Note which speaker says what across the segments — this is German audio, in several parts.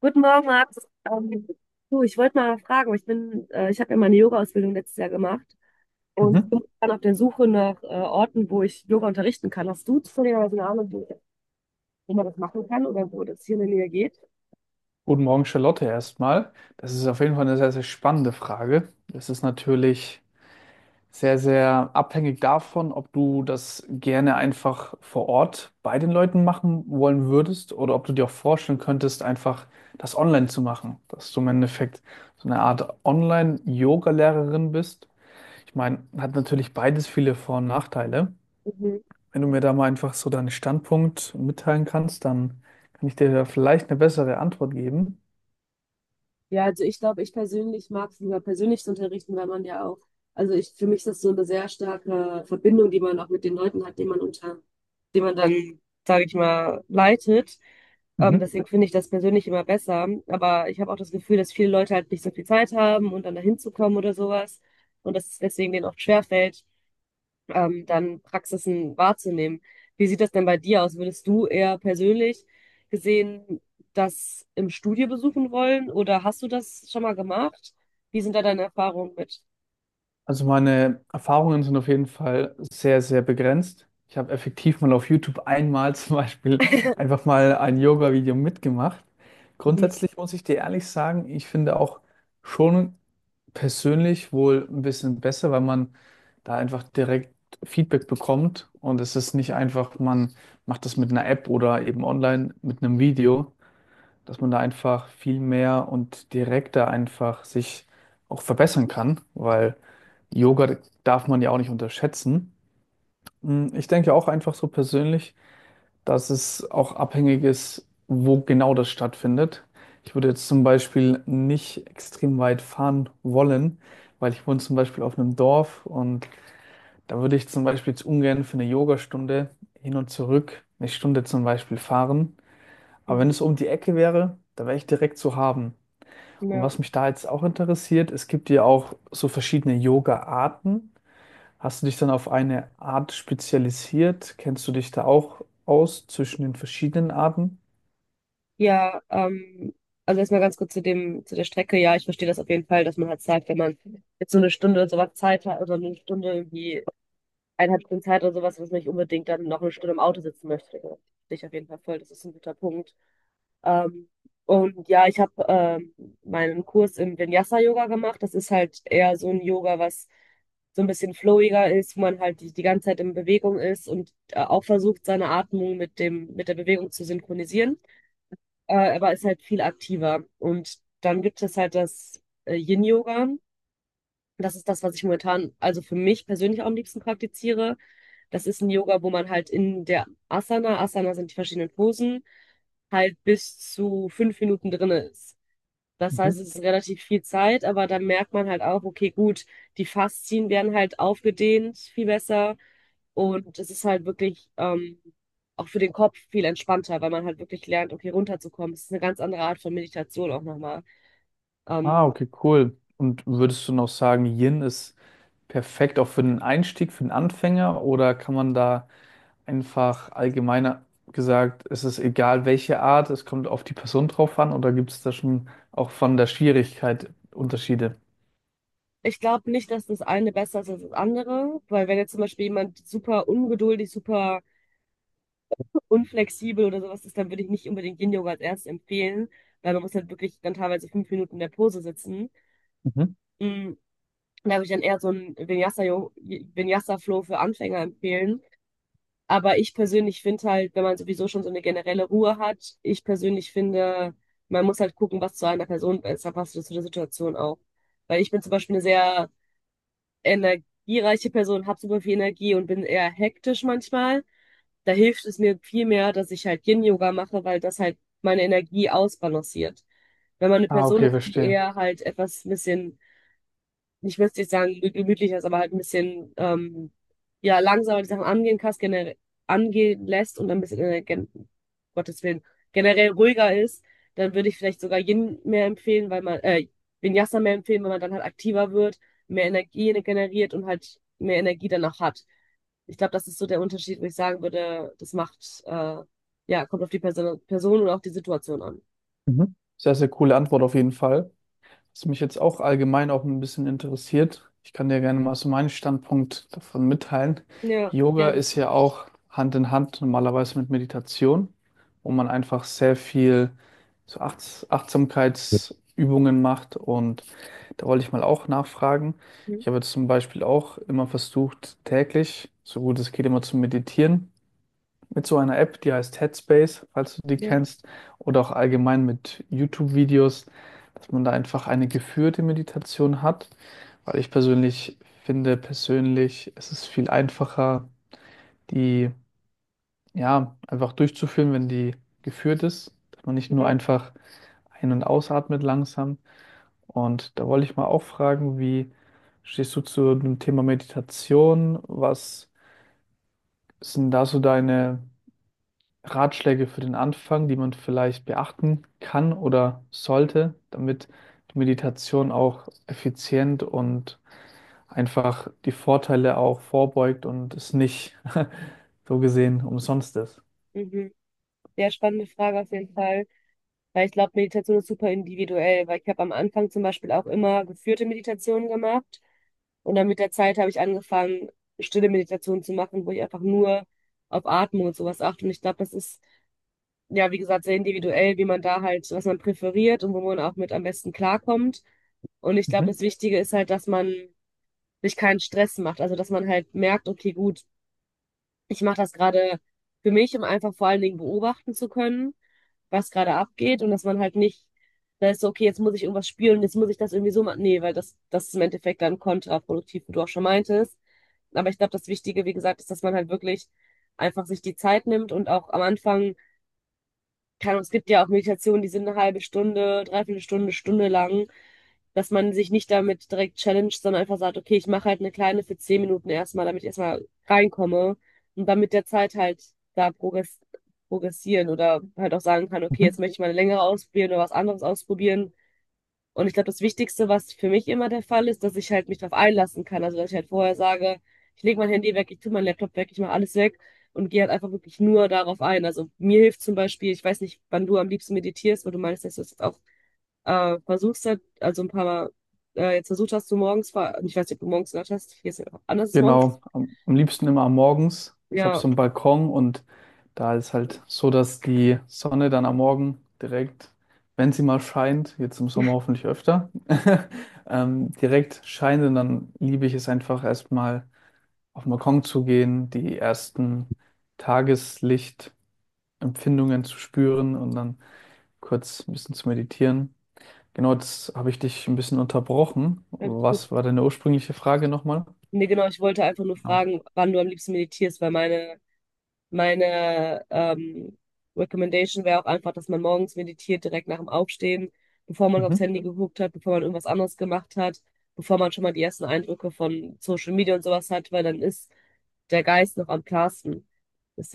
Speaker 1: Guten Morgen, Max. Ähm, Du, ich wollte mal fragen, ich habe ja meine Yoga-Ausbildung letztes Jahr gemacht und
Speaker 2: Mhm.
Speaker 1: bin dann auf der Suche nach Orten, wo ich Yoga unterrichten kann. Hast du zufälligerweise eine Ahnung, wo man das machen kann oder wo das hier in der Nähe geht?
Speaker 2: Guten Morgen, Charlotte, erstmal. Das ist auf jeden Fall eine sehr, sehr spannende Frage. Es ist natürlich sehr, sehr abhängig davon, ob du das gerne einfach vor Ort bei den Leuten machen wollen würdest oder ob du dir auch vorstellen könntest, einfach das online zu machen, dass du im Endeffekt so eine Art Online-Yoga-Lehrerin bist. Ich meine, hat natürlich beides viele Vor- und Nachteile.
Speaker 1: Mhm.
Speaker 2: Wenn du mir da mal einfach so deinen Standpunkt mitteilen kannst, dann kann ich dir da vielleicht eine bessere Antwort geben.
Speaker 1: Ja, also ich glaube, ich persönlich mag es lieber persönlich zu unterrichten, weil man ja auch, also ich, für mich ist das so eine sehr starke Verbindung, die man auch mit den Leuten hat, die man dann, sage ich mal, leitet.
Speaker 2: Mhm.
Speaker 1: Deswegen finde ich das persönlich immer besser. Aber ich habe auch das Gefühl, dass viele Leute halt nicht so viel Zeit haben und dann dahin zu kommen oder sowas. Und dass es deswegen denen oft schwerfällt, dann Praxisen wahrzunehmen. Wie sieht das denn bei dir aus? Würdest du eher persönlich gesehen das im Studio besuchen wollen oder hast du das schon mal gemacht? Wie sind da deine Erfahrungen mit?
Speaker 2: Also meine Erfahrungen sind auf jeden Fall sehr, sehr begrenzt. Ich habe effektiv mal auf YouTube einmal zum Beispiel einfach mal ein Yoga-Video mitgemacht.
Speaker 1: Mhm.
Speaker 2: Grundsätzlich muss ich dir ehrlich sagen, ich finde auch schon persönlich wohl ein bisschen besser, weil man da einfach direkt Feedback bekommt und es ist nicht einfach, man macht das mit einer App oder eben online mit einem Video, dass man da einfach viel mehr und direkter einfach sich auch verbessern kann, weil Yoga darf man ja auch nicht unterschätzen. Ich denke auch einfach so persönlich, dass es auch abhängig ist, wo genau das stattfindet. Ich würde jetzt zum Beispiel nicht extrem weit fahren wollen, weil ich wohne zum Beispiel auf einem Dorf und da würde ich zum Beispiel jetzt ungern für eine Yogastunde hin und zurück eine Stunde zum Beispiel fahren. Aber wenn
Speaker 1: Mhm.
Speaker 2: es um die Ecke wäre, da wäre ich direkt zu haben. Und
Speaker 1: Ja,
Speaker 2: was mich da jetzt auch interessiert, es gibt ja auch so verschiedene Yoga-Arten. Hast du dich dann auf eine Art spezialisiert? Kennst du dich da auch aus zwischen den verschiedenen Arten?
Speaker 1: ja, also erstmal ganz kurz zu dem, zu der Strecke. Ja, ich verstehe das auf jeden Fall, dass man halt sagt, wenn man jetzt so eine Stunde oder sowas Zeit hat oder eine Stunde irgendwie 1,5 Stunden Zeit oder sowas, dass man nicht unbedingt dann noch eine Stunde im Auto sitzen möchte. Ja, verstehe ich auf jeden Fall voll. Das ist ein guter Punkt. Ähm, und ja, ich habe meinen Kurs im Vinyasa-Yoga gemacht. Das ist halt eher so ein Yoga, was so ein bisschen flowiger ist, wo man halt die ganze Zeit in Bewegung ist und auch versucht, seine Atmung mit der Bewegung zu synchronisieren, aber ist halt viel aktiver. Und dann gibt es halt das Yin-Yoga. Das ist das, was ich momentan, also für mich persönlich auch am liebsten praktiziere. Das ist ein Yoga, wo man halt in der Asana, Asana sind die verschiedenen Posen, halt bis zu 5 Minuten drin ist. Das heißt,
Speaker 2: Mhm.
Speaker 1: es ist relativ viel Zeit, aber dann merkt man halt auch, okay, gut, die Faszien werden halt aufgedehnt, viel besser. Und es ist halt wirklich auch für den Kopf viel entspannter, weil man halt wirklich lernt, okay, runterzukommen. Es ist eine ganz andere Art von Meditation auch nochmal.
Speaker 2: Ah,
Speaker 1: Ähm,
Speaker 2: okay, cool. Und würdest du noch sagen, Yin ist perfekt auch für den Einstieg, für den Anfänger? Oder kann man da einfach allgemeiner gesagt, es ist egal welche Art, es kommt auf die Person drauf an? Oder gibt es da schon auch von der Schwierigkeit Unterschiede?
Speaker 1: Ich glaube nicht, dass das eine besser ist als das andere, weil wenn jetzt zum Beispiel jemand super ungeduldig, super unflexibel oder sowas ist, dann würde ich nicht unbedingt Yin-Yoga als erstes empfehlen, weil man muss halt wirklich dann teilweise 5 Minuten in der Pose sitzen.
Speaker 2: Mhm.
Speaker 1: Mm, Da würde ich dann eher so einen Vinyasa-Flow für Anfänger empfehlen. Aber ich persönlich finde halt, wenn man sowieso schon so eine generelle Ruhe hat, ich persönlich finde, man muss halt gucken, was zu einer Person besser passt oder zu der Situation auch. Weil ich bin zum Beispiel eine sehr energiereiche Person, habe super viel Energie und bin eher hektisch manchmal. Da hilft es mir viel mehr, dass ich halt Yin-Yoga mache, weil das halt meine Energie ausbalanciert. Wenn man eine
Speaker 2: Ah,
Speaker 1: Person
Speaker 2: okay,
Speaker 1: ist, die
Speaker 2: verstehe.
Speaker 1: eher halt etwas ein bisschen, ich will jetzt nicht sagen, gemütlicher ist, aber halt ein bisschen ja, langsamer die Sachen angehen kannst, generell angehen lässt und ein bisschen, gen Gottes Willen, generell ruhiger ist, dann würde ich vielleicht sogar Yin mehr empfehlen, weil man, Vinyasa mehr empfehlen, weil man dann halt aktiver wird, mehr Energie generiert und halt mehr Energie danach hat. Ich glaube, das ist so der Unterschied, wo ich sagen würde, das macht, ja, kommt auf die Person und auch die Situation an.
Speaker 2: Mhm. Sehr, sehr coole Antwort auf jeden Fall. Was mich jetzt auch allgemein auch ein bisschen interessiert, ich kann dir gerne mal so meinen Standpunkt davon mitteilen.
Speaker 1: Ja,
Speaker 2: Yoga
Speaker 1: gerne.
Speaker 2: ist ja auch Hand in Hand normalerweise mit Meditation, wo man einfach sehr viel so Achtsamkeitsübungen macht. Und da wollte ich mal auch nachfragen.
Speaker 1: Mhm.
Speaker 2: Ich habe jetzt zum Beispiel auch immer versucht, täglich, so gut es geht, immer zu meditieren mit so einer App, die heißt Headspace, falls du die
Speaker 1: Ja,
Speaker 2: kennst, oder auch allgemein mit YouTube-Videos, dass man da einfach eine geführte Meditation hat, weil ich persönlich finde, es ist viel einfacher, die ja einfach durchzuführen, wenn die geführt ist, dass man nicht nur
Speaker 1: ja.
Speaker 2: einfach ein- und ausatmet langsam. Und da wollte ich mal auch fragen, wie stehst du zu dem Thema Meditation? Was sind da so deine Ratschläge für den Anfang, die man vielleicht beachten kann oder sollte, damit die Meditation auch effizient und einfach die Vorteile auch vorbeugt und es nicht so gesehen umsonst ist?
Speaker 1: Mhm. Ja, spannende Frage auf jeden Fall. Weil ich glaube, Meditation ist super individuell, weil ich habe am Anfang zum Beispiel auch immer geführte Meditationen gemacht und dann mit der Zeit habe ich angefangen, stille Meditationen zu machen, wo ich einfach nur auf Atmung und sowas achte. Und ich glaube, das ist, ja, wie gesagt, sehr individuell, wie man da halt, was man präferiert und wo man auch mit am besten klarkommt. Und ich glaube,
Speaker 2: Mhm.
Speaker 1: das Wichtige ist halt, dass man sich keinen Stress macht. Also, dass man halt merkt, okay, gut, ich mache das gerade für mich, um einfach vor allen Dingen beobachten zu können, was gerade abgeht und dass man halt nicht, da ist so, okay, jetzt muss ich irgendwas spielen, jetzt muss ich das irgendwie so machen. Nee, weil das ist im Endeffekt dann kontraproduktiv, wie du auch schon meintest. Aber ich glaube, das Wichtige, wie gesagt, ist, dass man halt wirklich einfach sich die Zeit nimmt und auch am Anfang, keine Ahnung, es gibt ja auch Meditationen, die sind eine halbe Stunde, dreiviertel Stunde, Stunde lang, dass man sich nicht damit direkt challenged, sondern einfach sagt, okay, ich mache halt eine kleine für 10 Minuten erstmal, damit ich erstmal reinkomme und dann mit der Zeit halt da progressieren oder halt auch sagen kann, okay, jetzt
Speaker 2: Mhm.
Speaker 1: möchte ich mal eine längere ausprobieren oder was anderes ausprobieren. Und ich glaube, das Wichtigste, was für mich immer der Fall ist, dass ich halt mich darauf einlassen kann. Also, dass ich halt vorher sage, ich lege mein Handy weg, ich tue meinen Laptop weg, ich mache alles weg und gehe halt einfach wirklich nur darauf ein. Also mir hilft zum Beispiel, ich weiß nicht, wann du am liebsten meditierst, weil du meinst, dass du es auch versuchst halt, also ein paar Mal, jetzt versucht hast du morgens, ich weiß nicht, ob du morgens gehört hast, hier ist ja anders morgens.
Speaker 2: Genau, am liebsten immer am morgens. Ich habe
Speaker 1: Ja,
Speaker 2: so einen Balkon und da ist halt so, dass die Sonne dann am Morgen direkt, wenn sie mal scheint, jetzt im Sommer hoffentlich öfter, direkt scheint und dann liebe ich es einfach erstmal auf den Balkon zu gehen, die ersten Tageslichtempfindungen zu spüren und dann kurz ein bisschen zu meditieren. Genau, jetzt habe ich dich ein bisschen unterbrochen.
Speaker 1: alles gut.
Speaker 2: Was war deine ursprüngliche Frage nochmal?
Speaker 1: Nee, genau, ich wollte einfach nur
Speaker 2: Genau.
Speaker 1: fragen, wann du am liebsten meditierst, weil meine, meine Recommendation wäre auch einfach, dass man morgens meditiert, direkt nach dem Aufstehen, bevor man aufs
Speaker 2: Mhm.
Speaker 1: Handy geguckt hat, bevor man irgendwas anderes gemacht hat, bevor man schon mal die ersten Eindrücke von Social Media und sowas hat, weil dann ist der Geist noch am klarsten.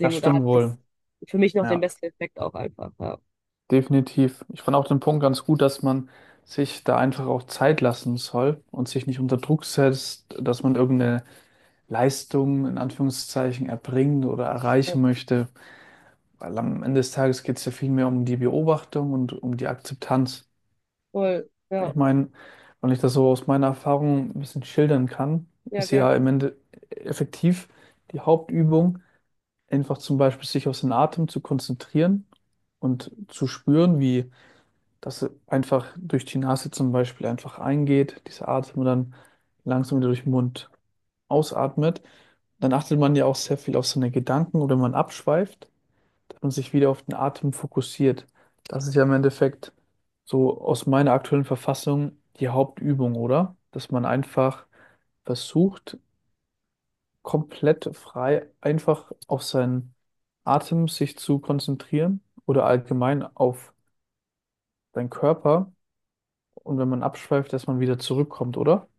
Speaker 2: Das
Speaker 1: oder
Speaker 2: stimmt
Speaker 1: hat das
Speaker 2: wohl.
Speaker 1: für mich noch den
Speaker 2: Ja,
Speaker 1: besten Effekt auch einfach, ja.
Speaker 2: definitiv. Ich fand auch den Punkt ganz gut, dass man sich da einfach auch Zeit lassen soll und sich nicht unter Druck setzt, dass man irgendeine Leistung in Anführungszeichen erbringen oder erreichen möchte. Weil am Ende des Tages geht es ja viel mehr um die Beobachtung und um die Akzeptanz.
Speaker 1: Voll, ja,
Speaker 2: Ich meine, wenn ich das so aus meiner Erfahrung ein bisschen schildern kann,
Speaker 1: ja,
Speaker 2: ist
Speaker 1: gerne.
Speaker 2: ja im Ende effektiv die Hauptübung, einfach zum Beispiel sich auf den Atem zu konzentrieren und zu spüren, wie dass er einfach durch die Nase zum Beispiel einfach eingeht, diese Atmung dann langsam wieder durch den Mund ausatmet. Dann achtet man ja auch sehr viel auf seine Gedanken oder man abschweift, dass man sich wieder auf den Atem fokussiert. Das ist ja im Endeffekt so aus meiner aktuellen Verfassung die Hauptübung, oder? Dass man einfach versucht, komplett frei einfach auf seinen Atem sich zu konzentrieren oder allgemein auf seinen Körper. Und wenn man abschweift, dass man wieder zurückkommt, oder?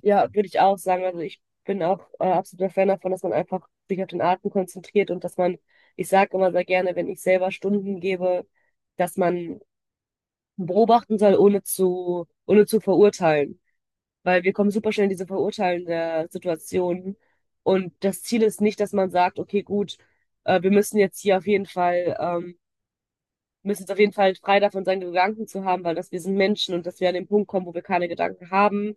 Speaker 1: Ja, würde ich auch sagen. Also ich bin auch absoluter Fan davon, dass man einfach sich auf den Atem konzentriert und dass man, ich sage immer sehr gerne, wenn ich selber Stunden gebe, dass man beobachten soll, ohne zu verurteilen. Weil wir kommen super schnell in diese verurteilende Situation. Und das Ziel ist nicht, dass man sagt, okay, gut, wir müssen jetzt hier auf jeden Fall, müssen jetzt auf jeden Fall frei davon sein, Gedanken zu haben, weil dass wir sind Menschen und dass wir an den Punkt kommen, wo wir keine Gedanken haben,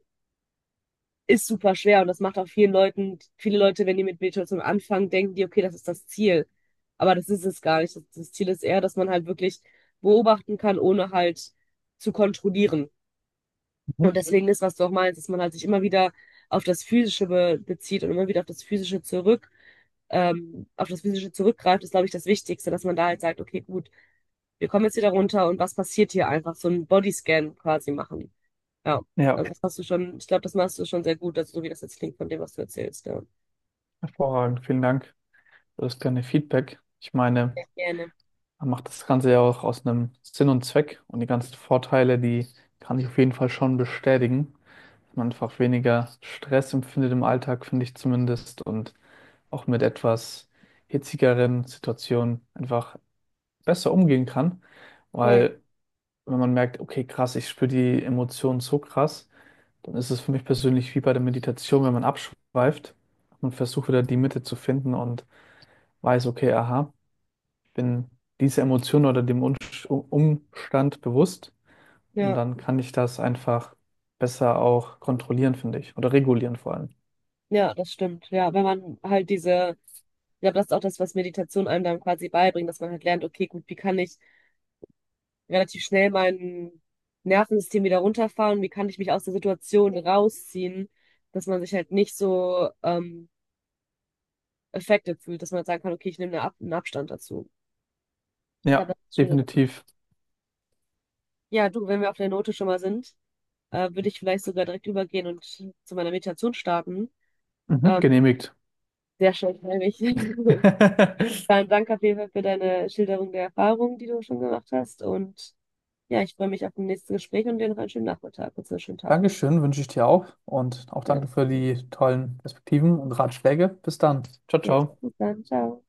Speaker 1: ist super schwer und das macht auch vielen Leuten, viele Leute, wenn die mit Meditation anfangen, denken die, okay, das ist das Ziel. Aber das ist es gar nicht. Das Ziel ist eher, dass man halt wirklich beobachten kann, ohne halt zu kontrollieren. Und
Speaker 2: Mhm.
Speaker 1: deswegen ist, was du auch meinst, dass man halt sich immer wieder auf das Physische be bezieht und immer wieder auf das Physische zurück, auf das Physische zurückgreift, ist, glaube ich, das Wichtigste, dass man da halt sagt, okay, gut, wir kommen jetzt wieder runter und was passiert hier einfach? So einen Bodyscan quasi machen. Ja,
Speaker 2: Ja,
Speaker 1: also das hast du schon, ich glaube, das machst du schon sehr gut, also so wie das jetzt klingt von dem, was du erzählst, ja.
Speaker 2: hervorragend. Vielen Dank für das kleine Feedback. Ich meine,
Speaker 1: Ja, gerne.
Speaker 2: man macht das Ganze ja auch aus einem Sinn und Zweck und die ganzen Vorteile, die kann ich auf jeden Fall schon bestätigen. Dass man einfach weniger Stress empfindet im Alltag, finde ich zumindest, und auch mit etwas hitzigeren Situationen einfach besser umgehen kann.
Speaker 1: Voll.
Speaker 2: Weil wenn man merkt, okay, krass, ich spüre die Emotionen so krass, dann ist es für mich persönlich wie bei der Meditation, wenn man abschweift und versucht wieder die Mitte zu finden und weiß, okay, aha, ich bin dieser Emotion oder dem Umstand bewusst und
Speaker 1: Ja,
Speaker 2: dann kann ich das einfach besser auch kontrollieren, finde ich, oder regulieren vor allem.
Speaker 1: ja, das stimmt. Ja, wenn man halt diese, ich glaube, das ist auch das, was Meditation einem dann quasi beibringt, dass man halt lernt, okay, gut, wie kann ich relativ schnell mein Nervensystem wieder runterfahren, wie kann ich mich aus der Situation rausziehen, dass man sich halt nicht so affected fühlt, dass man halt sagen kann, okay, ich nehme einen Abstand dazu. Ich
Speaker 2: Ja,
Speaker 1: glaube, das ist schon.
Speaker 2: definitiv.
Speaker 1: Ja, du, wenn wir auf der Note schon mal sind, würde ich vielleicht sogar direkt übergehen und zu meiner Meditation starten.
Speaker 2: Mhm,
Speaker 1: Ähm,
Speaker 2: genehmigt.
Speaker 1: Sehr schön, nämlich. Vielen Dank auf jeden Fall für deine Schilderung der Erfahrungen, die du schon gemacht hast. Und ja, ich freue mich auf das nächste Gespräch und dir noch einen schönen Nachmittag und einen schönen Tag.
Speaker 2: Dankeschön, wünsche ich dir auch und auch
Speaker 1: Ja,
Speaker 2: danke für die tollen Perspektiven und Ratschläge. Bis dann. Ciao,
Speaker 1: ja,
Speaker 2: ciao.
Speaker 1: bis dann, ciao.